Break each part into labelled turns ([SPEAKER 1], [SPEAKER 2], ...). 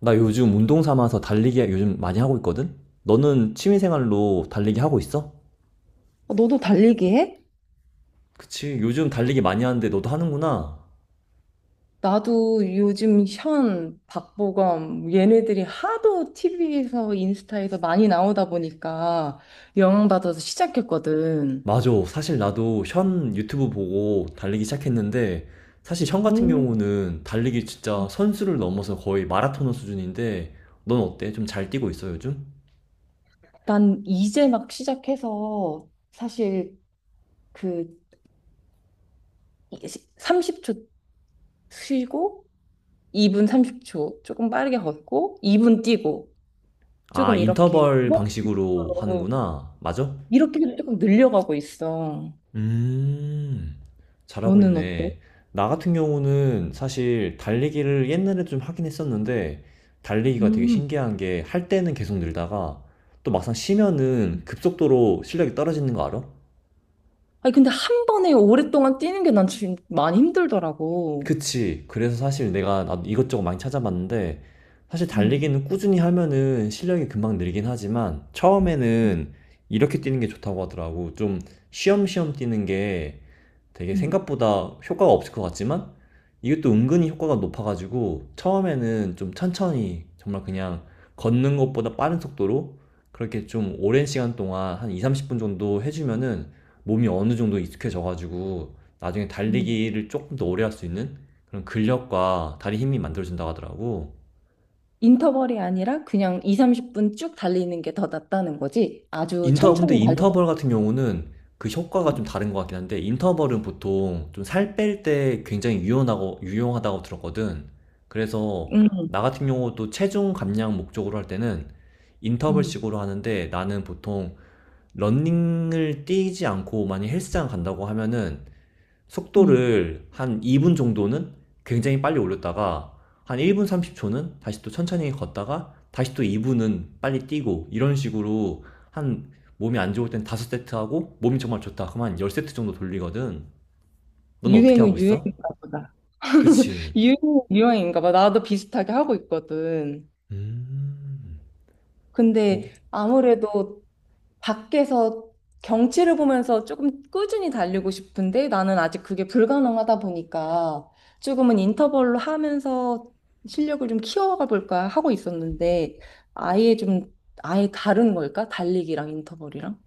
[SPEAKER 1] 나 요즘 운동 삼아서 달리기 요즘 많이 하고 있거든? 너는 취미생활로 달리기 하고 있어?
[SPEAKER 2] 어, 너도 달리기 해?
[SPEAKER 1] 그치, 요즘 달리기 많이 하는데 너도 하는구나.
[SPEAKER 2] 나도 요즘 현, 박보검 얘네들이 하도 TV에서 인스타에서 많이 나오다 보니까 영향 받아서 시작했거든.
[SPEAKER 1] 맞아. 사실 나도 현 유튜브 보고 달리기 시작했는데, 사실 현 같은
[SPEAKER 2] 음,
[SPEAKER 1] 경우는 달리기 진짜 선수를 넘어서 거의 마라토너 수준인데, 넌 어때? 좀 잘 뛰고 있어, 요즘?
[SPEAKER 2] 난 이제 막 시작해서 사실 그 30초 쉬고 2분 30초 조금 빠르게 걷고 2분 뛰고
[SPEAKER 1] 아,
[SPEAKER 2] 조금 이렇게
[SPEAKER 1] 인터벌 방식으로 하는구나. 맞아?
[SPEAKER 2] 이렇게 조금 늘려가고 있어.
[SPEAKER 1] 음, 잘하고
[SPEAKER 2] 너는 어때?
[SPEAKER 1] 있네. 나 같은 경우는 사실 달리기를 옛날에 좀 하긴 했었는데, 달리기가 되게
[SPEAKER 2] 음.
[SPEAKER 1] 신기한 게, 할 때는 계속 늘다가, 또 막상 쉬면은 급속도로 실력이 떨어지는 거 알아?
[SPEAKER 2] 아니, 근데 한 번에 오랫동안 뛰는 게 난 지금 많이 힘들더라고.
[SPEAKER 1] 그치. 그래서 사실 내가 나도 이것저것 많이 찾아봤는데, 사실
[SPEAKER 2] 음,
[SPEAKER 1] 달리기는 꾸준히 하면은 실력이 금방 늘긴 하지만, 처음에는 이렇게 뛰는 게 좋다고 하더라고. 좀 쉬엄쉬엄 뛰는 게 되게
[SPEAKER 2] 음,
[SPEAKER 1] 생각보다 효과가 없을 것 같지만 이것도 은근히 효과가 높아가지고 처음에는 좀 천천히 정말 그냥 걷는 것보다 빠른 속도로 그렇게 좀 오랜 시간 동안 한 2, 30분 정도 해주면은 몸이 어느 정도 익숙해져가지고 나중에
[SPEAKER 2] 음.
[SPEAKER 1] 달리기를 조금 더 오래 할 수 있는 그런 근력과 다리 힘이 만들어진다고 하더라고.
[SPEAKER 2] 인터벌이 아니라 그냥 2, 30분 쭉 달리는 게 더 낫다는 거지. 아주
[SPEAKER 1] 근데
[SPEAKER 2] 천천히 달리고.
[SPEAKER 1] 인터벌 같은 경우는 그 효과가 좀
[SPEAKER 2] 음,
[SPEAKER 1] 다른 것 같긴 한데, 인터벌은 보통 좀 살 뺄 때 굉장히 유용하고, 유용하다고 들었거든. 그래서
[SPEAKER 2] 음,
[SPEAKER 1] 나 같은 경우도 체중 감량 목적으로 할 때는 인터벌식으로 하는데, 나는 보통 러닝을 뛰지 않고 많이 헬스장 간다고 하면은
[SPEAKER 2] 음.
[SPEAKER 1] 속도를 한 2분 정도는 굉장히 빨리 올렸다가 한 1분 30초는 다시 또 천천히 걷다가 다시 또 2분은 빨리 뛰고 이런 식으로 한 몸이 안 좋을 땐 5세트 하고 몸이 정말 좋다. 그럼 한 10세트 정도 돌리거든. 넌 어떻게 하고
[SPEAKER 2] 유행은
[SPEAKER 1] 있어?
[SPEAKER 2] 유행인가 보다.
[SPEAKER 1] 그치.
[SPEAKER 2] 유행은 유행인가 봐. 나도 비슷하게 하고 있거든.
[SPEAKER 1] 음. 어,
[SPEAKER 2] 근데 아무래도 밖에서 경치를 보면서 조금 꾸준히 달리고 싶은데 나는 아직 그게 불가능하다 보니까 조금은 인터벌로 하면서 실력을 좀 키워가 볼까 하고 있었는데 아예 좀 아예 다른 걸까? 달리기랑 인터벌이랑?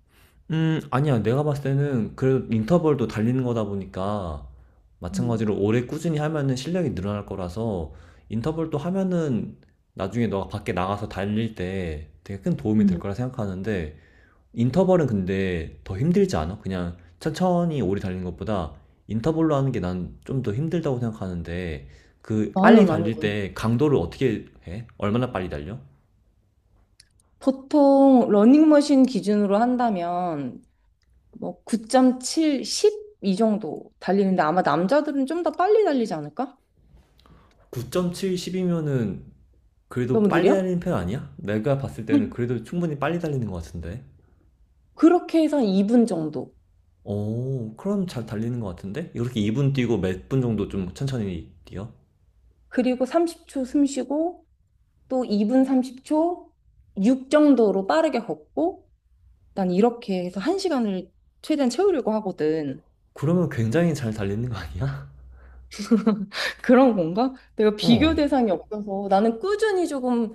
[SPEAKER 1] 아니야. 내가 봤을 때는 그래도 인터벌도 달리는 거다 보니까
[SPEAKER 2] 음,
[SPEAKER 1] 마찬가지로 오래 꾸준히 하면은 실력이 늘어날 거라서 인터벌도 하면은 나중에 너가 밖에 나가서 달릴 때 되게 큰 도움이 될
[SPEAKER 2] 음,
[SPEAKER 1] 거라 생각하는데 인터벌은 근데 더 힘들지 않아? 그냥 천천히 오래 달리는 것보다 인터벌로 하는 게 난 좀 더 힘들다고 생각하는데 그 빨리
[SPEAKER 2] 나는
[SPEAKER 1] 달릴
[SPEAKER 2] 완전
[SPEAKER 1] 때 강도를 어떻게 해? 얼마나 빨리 달려?
[SPEAKER 2] 보통 러닝머신 기준으로 한다면 뭐 9.7, 10 이 정도 달리는데 아마 남자들은 좀 더 빨리 달리지 않을까?
[SPEAKER 1] 9.7, 10이면은 그래도
[SPEAKER 2] 너무
[SPEAKER 1] 빨리
[SPEAKER 2] 느려?
[SPEAKER 1] 달리는 편 아니야? 내가 봤을 때는 그래도 충분히 빨리 달리는 것 같은데.
[SPEAKER 2] 그렇게 해서 한 2분 정도.
[SPEAKER 1] 어, 그럼 잘 달리는 것 같은데? 이렇게 2분 뛰고 몇 분 정도 좀 천천히 뛰어?
[SPEAKER 2] 그리고 30초 숨 쉬고 또 2분 30초 6 정도로 빠르게 걷고 난 이렇게 해서 한 시간을 최대한 채우려고 하거든.
[SPEAKER 1] 그러면 굉장히 잘 달리는 거 아니야?
[SPEAKER 2] 그런 건가? 내가 비교
[SPEAKER 1] 어.
[SPEAKER 2] 대상이 없어서 나는 꾸준히 조금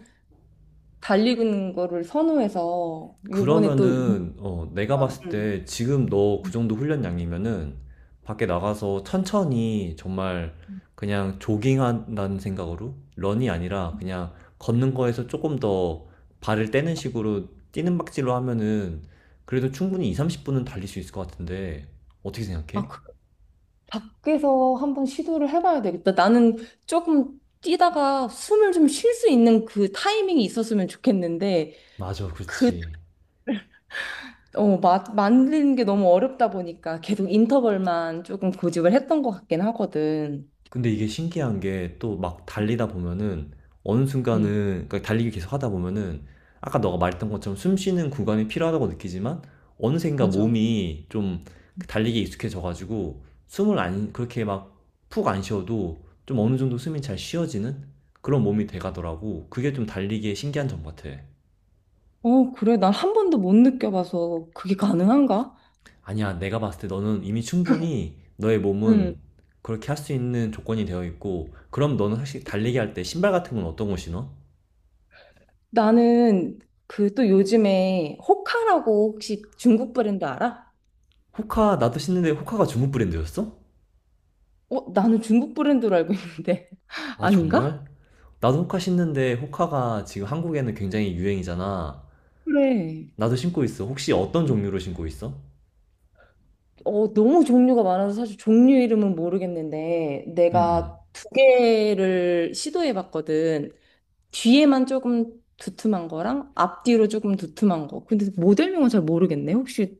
[SPEAKER 2] 달리는 거를 선호해서 요번에 또
[SPEAKER 1] 그러면은 어, 내가
[SPEAKER 2] 아,
[SPEAKER 1] 봤을 때 지금 너 그 정도 훈련 양이면은 밖에 나가서 천천히 정말 그냥 조깅한다는 생각으로 런이 아니라 그냥 걷는 거에서 조금 더 발을 떼는 식으로 뛰는 박질로 하면은 그래도 충분히 2, 30분은 달릴 수 있을 것 같은데 어떻게
[SPEAKER 2] 아,
[SPEAKER 1] 생각해?
[SPEAKER 2] 밖에서 한번 시도를 해봐야 되겠다. 나는 조금 뛰다가 숨을 좀 쉴 수 있는 그 타이밍이 있었으면 좋겠는데
[SPEAKER 1] 맞아,
[SPEAKER 2] 그
[SPEAKER 1] 그렇지.
[SPEAKER 2] 만드는 게 너무 어렵다 보니까 계속 인터벌만 조금 고집을 했던 것 같긴 하거든.
[SPEAKER 1] 근데 이게 신기한 게 또 막 달리다 보면은 어느
[SPEAKER 2] 응,
[SPEAKER 1] 순간은 그러니까 달리기 계속 하다 보면은 아까 너가 말했던 것처럼 숨 쉬는 구간이 필요하다고 느끼지만 어느샌가
[SPEAKER 2] 맞아.
[SPEAKER 1] 몸이 좀 그 달리기에 익숙해져 가지고 숨을 안 그렇게 막 푹 안 쉬어도 좀 어느 정도 숨이 잘 쉬어지는 그런 몸이 돼 가더라고. 그게 좀 달리기의 신기한 점 같아.
[SPEAKER 2] 어, 그래. 난 한 번도 못 느껴봐서 그게 가능한가?
[SPEAKER 1] 아니야, 내가 봤을 때 너는 이미 충분히 너의
[SPEAKER 2] 응.
[SPEAKER 1] 몸은 그렇게 할 수 있는 조건이 되어 있고 그럼 너는 사실 달리기 할 때 신발 같은 건 어떤 거 신어?
[SPEAKER 2] 나는 그 또 요즘에 호카라고 혹시 중국 브랜드 알아?
[SPEAKER 1] 호카 나도 신는데 호카가 중국 브랜드였어?
[SPEAKER 2] 어, 나는 중국 브랜드로 알고 있는데.
[SPEAKER 1] 아
[SPEAKER 2] 아닌가?
[SPEAKER 1] 정말? 나도 호카 신는데 호카가 지금 한국에는 굉장히 유행이잖아.
[SPEAKER 2] 그래.
[SPEAKER 1] 나도 신고 있어. 혹시 어떤 종류로 신고 있어?
[SPEAKER 2] 어, 너무 종류가 많아서 사실 종류 이름은 모르겠는데
[SPEAKER 1] 음,
[SPEAKER 2] 내가
[SPEAKER 1] 음.
[SPEAKER 2] 두 개를 시도해 봤거든. 뒤에만 조금 두툼한 거랑 앞뒤로 조금 두툼한 거. 근데 모델명은 잘 모르겠네. 혹시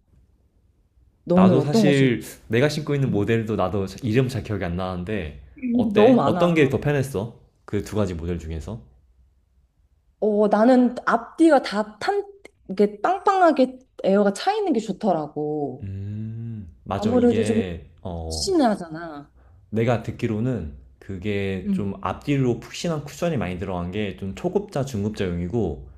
[SPEAKER 2] 너는
[SPEAKER 1] 나도
[SPEAKER 2] 어떤 것인가?
[SPEAKER 1] 사실 내가 신고 있는 모델도 나도 이름 잘 기억이 안 나는데
[SPEAKER 2] 너무
[SPEAKER 1] 어때? 어떤 게
[SPEAKER 2] 많아.
[SPEAKER 1] 더 편했어? 그 두 가지 모델 중에서?
[SPEAKER 2] 어, 나는 앞뒤가 다 이게 빵빵하게 에어가 차 있는 게 좋더라고.
[SPEAKER 1] 맞아.
[SPEAKER 2] 아무래도 좀
[SPEAKER 1] 이게 어
[SPEAKER 2] 신하잖아.
[SPEAKER 1] 내가 듣기로는 그게
[SPEAKER 2] 응.
[SPEAKER 1] 좀 앞뒤로 푹신한 쿠션이 많이 들어간 게 좀 초급자, 중급자용이고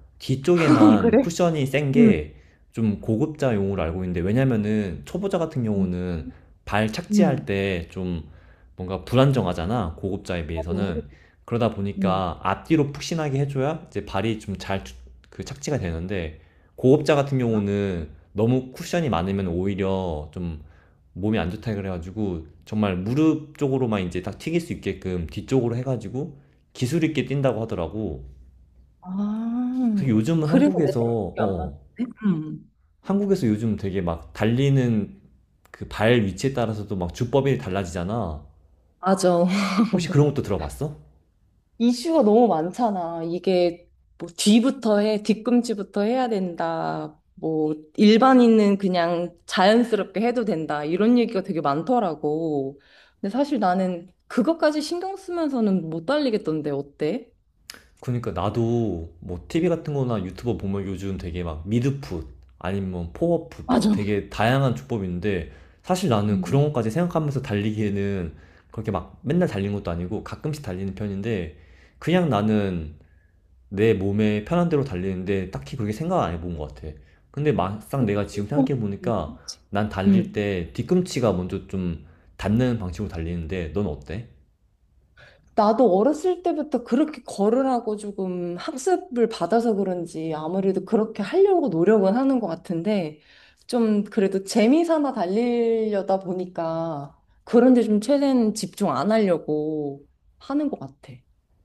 [SPEAKER 1] 뒤쪽에만
[SPEAKER 2] 그래?
[SPEAKER 1] 쿠션이 센
[SPEAKER 2] 응.
[SPEAKER 1] 게 좀 고급자용으로 알고 있는데 왜냐면은 초보자 같은 경우는 발 착지할
[SPEAKER 2] 응.
[SPEAKER 1] 때 좀 뭔가 불안정하잖아. 고급자에
[SPEAKER 2] 나도 모르-
[SPEAKER 1] 비해서는. 그러다
[SPEAKER 2] 응.
[SPEAKER 1] 보니까 앞뒤로 푹신하게 해줘야 이제 발이 좀 잘 그 착지가 되는데 고급자 같은 경우는 너무 쿠션이 많으면 오히려 좀 몸이 안 좋다 그래가지고 정말 무릎 쪽으로만 이제 딱 튀길 수 있게끔 뒤쪽으로 해가지고 기술 있게 뛴다고 하더라고.
[SPEAKER 2] 아,
[SPEAKER 1] 그래서 요즘은
[SPEAKER 2] 그래서 내가 기억이 안
[SPEAKER 1] 어
[SPEAKER 2] 나는데? 응.
[SPEAKER 1] 한국에서 요즘 되게 막 달리는 그 발 위치에 따라서도 막 주법이 달라지잖아.
[SPEAKER 2] 맞아.
[SPEAKER 1] 혹시 그런 것도 들어봤어?
[SPEAKER 2] 이슈가 너무 많잖아. 이게 뭐 뒤부터 해, 뒤꿈치부터 해야 된다. 뭐 일반인은 그냥 자연스럽게 해도 된다. 이런 얘기가 되게 많더라고. 근데 사실 나는 그것까지 신경 쓰면서는 못 달리겠던데 어때?
[SPEAKER 1] 그니까 나도 뭐 TV 같은 거나 유튜버 보면 요즘 되게 막 미드풋 아니면 뭐 포워풋 막
[SPEAKER 2] 맞아.
[SPEAKER 1] 되게 다양한 조법이 있는데 사실 나는
[SPEAKER 2] 음.
[SPEAKER 1] 그런 것까지 생각하면서 달리기에는 그렇게 막 맨날 달리는 것도 아니고 가끔씩 달리는 편인데 그냥 나는 내 몸에 편한 대로 달리는데 딱히 그렇게 생각 안 해본 것 같아. 근데 막상 내가 지금
[SPEAKER 2] 어,
[SPEAKER 1] 생각해보니까 난 달릴
[SPEAKER 2] 음.
[SPEAKER 1] 때 뒤꿈치가 먼저 좀 닿는 방식으로 달리는데 넌 어때?
[SPEAKER 2] 나도 어렸을 때부터 그렇게 거으라고 조금 학습을 받아서 그런지 아무래도 그렇게 하려고 노력은 하는 것 같은데 좀 그래도 재미 삼아 달리려다 보니까 그런데 좀 최대한 집중 안 하려고 하는 것 같아.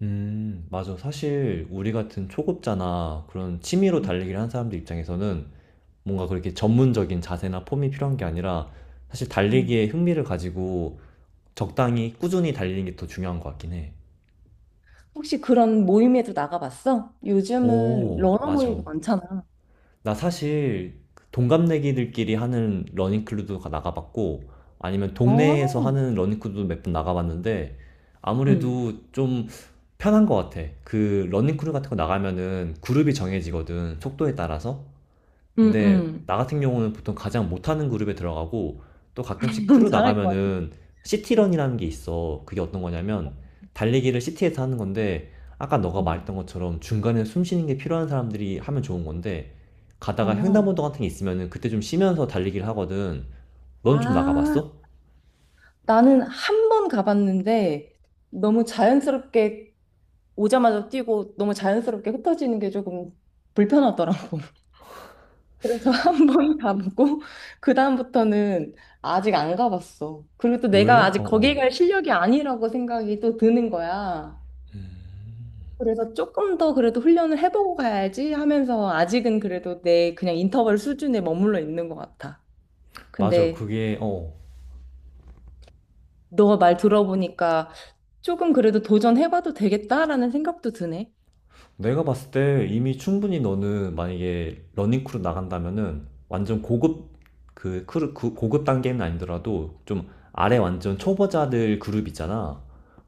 [SPEAKER 1] 맞아. 사실 우리 같은 초급자나 그런 취미로
[SPEAKER 2] 음,
[SPEAKER 1] 달리기를 한 사람들 입장에서는 뭔가 그렇게 전문적인 자세나 폼이 필요한 게 아니라 사실
[SPEAKER 2] 음.
[SPEAKER 1] 달리기에 흥미를 가지고 적당히 꾸준히 달리는 게 더 중요한 것 같긴 해.
[SPEAKER 2] 혹시 그런 모임에도 나가봤어? 요즘은
[SPEAKER 1] 오,
[SPEAKER 2] 러너
[SPEAKER 1] 맞아.
[SPEAKER 2] 모임도 많잖아.
[SPEAKER 1] 나 사실 동갑내기들끼리 하는 러닝크루도 나가봤고 아니면 동네에서
[SPEAKER 2] 어,
[SPEAKER 1] 하는 러닝크루도 몇 번 나가봤는데
[SPEAKER 2] 응,
[SPEAKER 1] 아무래도 좀 편한 것 같아. 그 러닝크루 같은 거 나가면은 그룹이 정해지거든. 속도에 따라서.
[SPEAKER 2] 응
[SPEAKER 1] 근데
[SPEAKER 2] 응,
[SPEAKER 1] 나 같은 경우는 보통 가장 못하는 그룹에 들어가고 또 가끔씩
[SPEAKER 2] 응.
[SPEAKER 1] 크루
[SPEAKER 2] 잘할 것 같아.
[SPEAKER 1] 나가면은
[SPEAKER 2] 응
[SPEAKER 1] 시티런이라는 게 있어. 그게 어떤 거냐면 달리기를 시티에서 하는 건데 아까 너가
[SPEAKER 2] 응,
[SPEAKER 1] 말했던 것처럼 중간에 숨 쉬는 게 필요한 사람들이 하면 좋은 건데 가다가
[SPEAKER 2] 어.
[SPEAKER 1] 횡단보도 같은 게 있으면은 그때 좀 쉬면서 달리기를 하거든. 넌 좀
[SPEAKER 2] 아,
[SPEAKER 1] 나가봤어?
[SPEAKER 2] 나는 한 번 가봤는데 너무 자연스럽게 오자마자 뛰고 너무 자연스럽게 흩어지는 게 조금 불편하더라고. 그래서 한 번 가보고 그다음부터는 아직 안 가봤어. 그리고 또 내가
[SPEAKER 1] 왜? 어,
[SPEAKER 2] 아직 거기
[SPEAKER 1] 어.
[SPEAKER 2] 갈 실력이 아니라고 생각이 또 드는 거야. 그래서 조금 더 그래도 훈련을 해보고 가야지 하면서 아직은 그래도 내 그냥 인터벌 수준에 머물러 있는 것 같아.
[SPEAKER 1] 맞아.
[SPEAKER 2] 근데
[SPEAKER 1] 그게, 어.
[SPEAKER 2] 너가 말 들어보니까 조금 그래도 도전해봐도 되겠다라는 생각도 드네.
[SPEAKER 1] 내가 봤을 때 이미 충분히 너는 만약에 러닝 크루 나간다면은 완전
[SPEAKER 2] 음,
[SPEAKER 1] 고급 그 크루 그 고급 단계는 아니더라도 좀 아래 완전 초보자들 그룹 있잖아.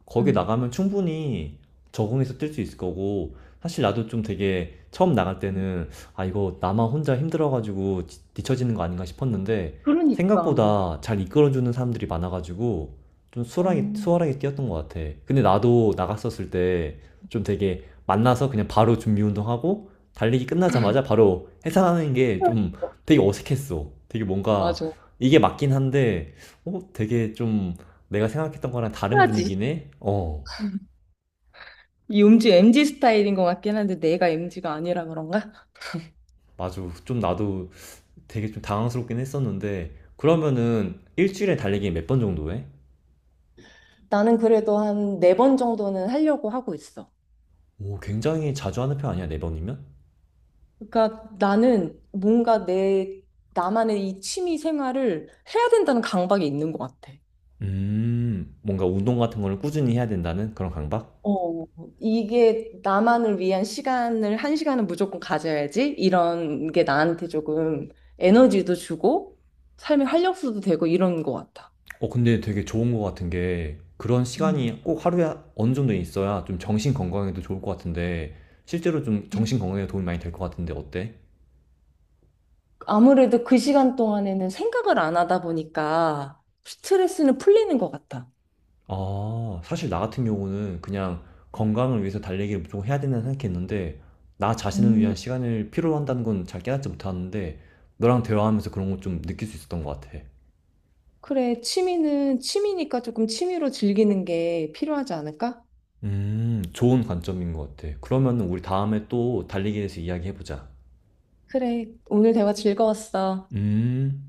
[SPEAKER 1] 거기
[SPEAKER 2] 음,
[SPEAKER 1] 나가면 충분히 적응해서 뛸 수 있을 거고 사실 나도 좀 되게 처음 나갈
[SPEAKER 2] 음.
[SPEAKER 1] 때는 아 이거 나만 혼자 힘들어가지고 뒤처지는 거 아닌가 싶었는데
[SPEAKER 2] 그러니까.
[SPEAKER 1] 생각보다 잘 이끌어주는 사람들이 많아가지고 좀 수월하게
[SPEAKER 2] 음,
[SPEAKER 1] 수월하게 뛰었던 것 같아. 근데 나도 나갔었을 때 좀 되게 만나서 그냥 바로 준비 운동하고 달리기 끝나자마자 바로 해산하는 게 좀 되게 어색했어. 되게 뭔가
[SPEAKER 2] 맞아.
[SPEAKER 1] 이게 맞긴 한데, 어, 되게 좀 내가 생각했던 거랑 다른
[SPEAKER 2] 해야지.
[SPEAKER 1] 분위기네? 어,
[SPEAKER 2] 이 음주 MG 스타일인 것 같긴 한데 내가 MG가 아니라 그런가?
[SPEAKER 1] 맞아. 좀 나도 되게 좀 당황스럽긴 했었는데, 그러면은 일주일에 달리기 몇 번 정도 해?
[SPEAKER 2] 나는 그래도 한 네 번 정도는 하려고 하고 있어.
[SPEAKER 1] 오, 굉장히 자주 하는 편 아니야, 네 번이면?
[SPEAKER 2] 그러니까 나는 뭔가 내 나만의 이 취미 생활을 해야 된다는 강박이 있는 것 같아.
[SPEAKER 1] 뭔가 운동 같은 거를 꾸준히 해야 된다는 그런 강박?
[SPEAKER 2] 어, 이게 나만을 위한 시간을 한 시간은 무조건 가져야지. 이런 게 나한테 조금 에너지도 주고 삶의 활력소도 되고 이런 것 같아.
[SPEAKER 1] 어, 근데 되게 좋은 것 같은 게 그런
[SPEAKER 2] 음.
[SPEAKER 1] 시간이 꼭 하루에 어느 정도 있어야 좀 정신 건강에도 좋을 것 같은데 실제로 좀 정신 건강에 도움이 많이 될 것 같은데 어때?
[SPEAKER 2] 아무래도 그 시간 동안에는 생각을 안 하다 보니까 스트레스는 풀리는 것 같아.
[SPEAKER 1] 아, 사실 나 같은 경우는 그냥 건강을 위해서 달리기를 무조건 해야 된다는 생각했는데 나 자신을
[SPEAKER 2] 음,
[SPEAKER 1] 위한 시간을 필요로 한다는 건 잘 깨닫지 못하는데 너랑 대화하면서 그런 거 좀 느낄 수 있었던 것 같아.
[SPEAKER 2] 그래, 취미는 취미니까 조금 취미로 즐기는 게 필요하지 않을까?
[SPEAKER 1] 좋은 관점인 것 같아. 그러면 우리 다음에 또 달리기에 대해서 이야기해보자.
[SPEAKER 2] 그래, 오늘 대화 즐거웠어.
[SPEAKER 1] 음.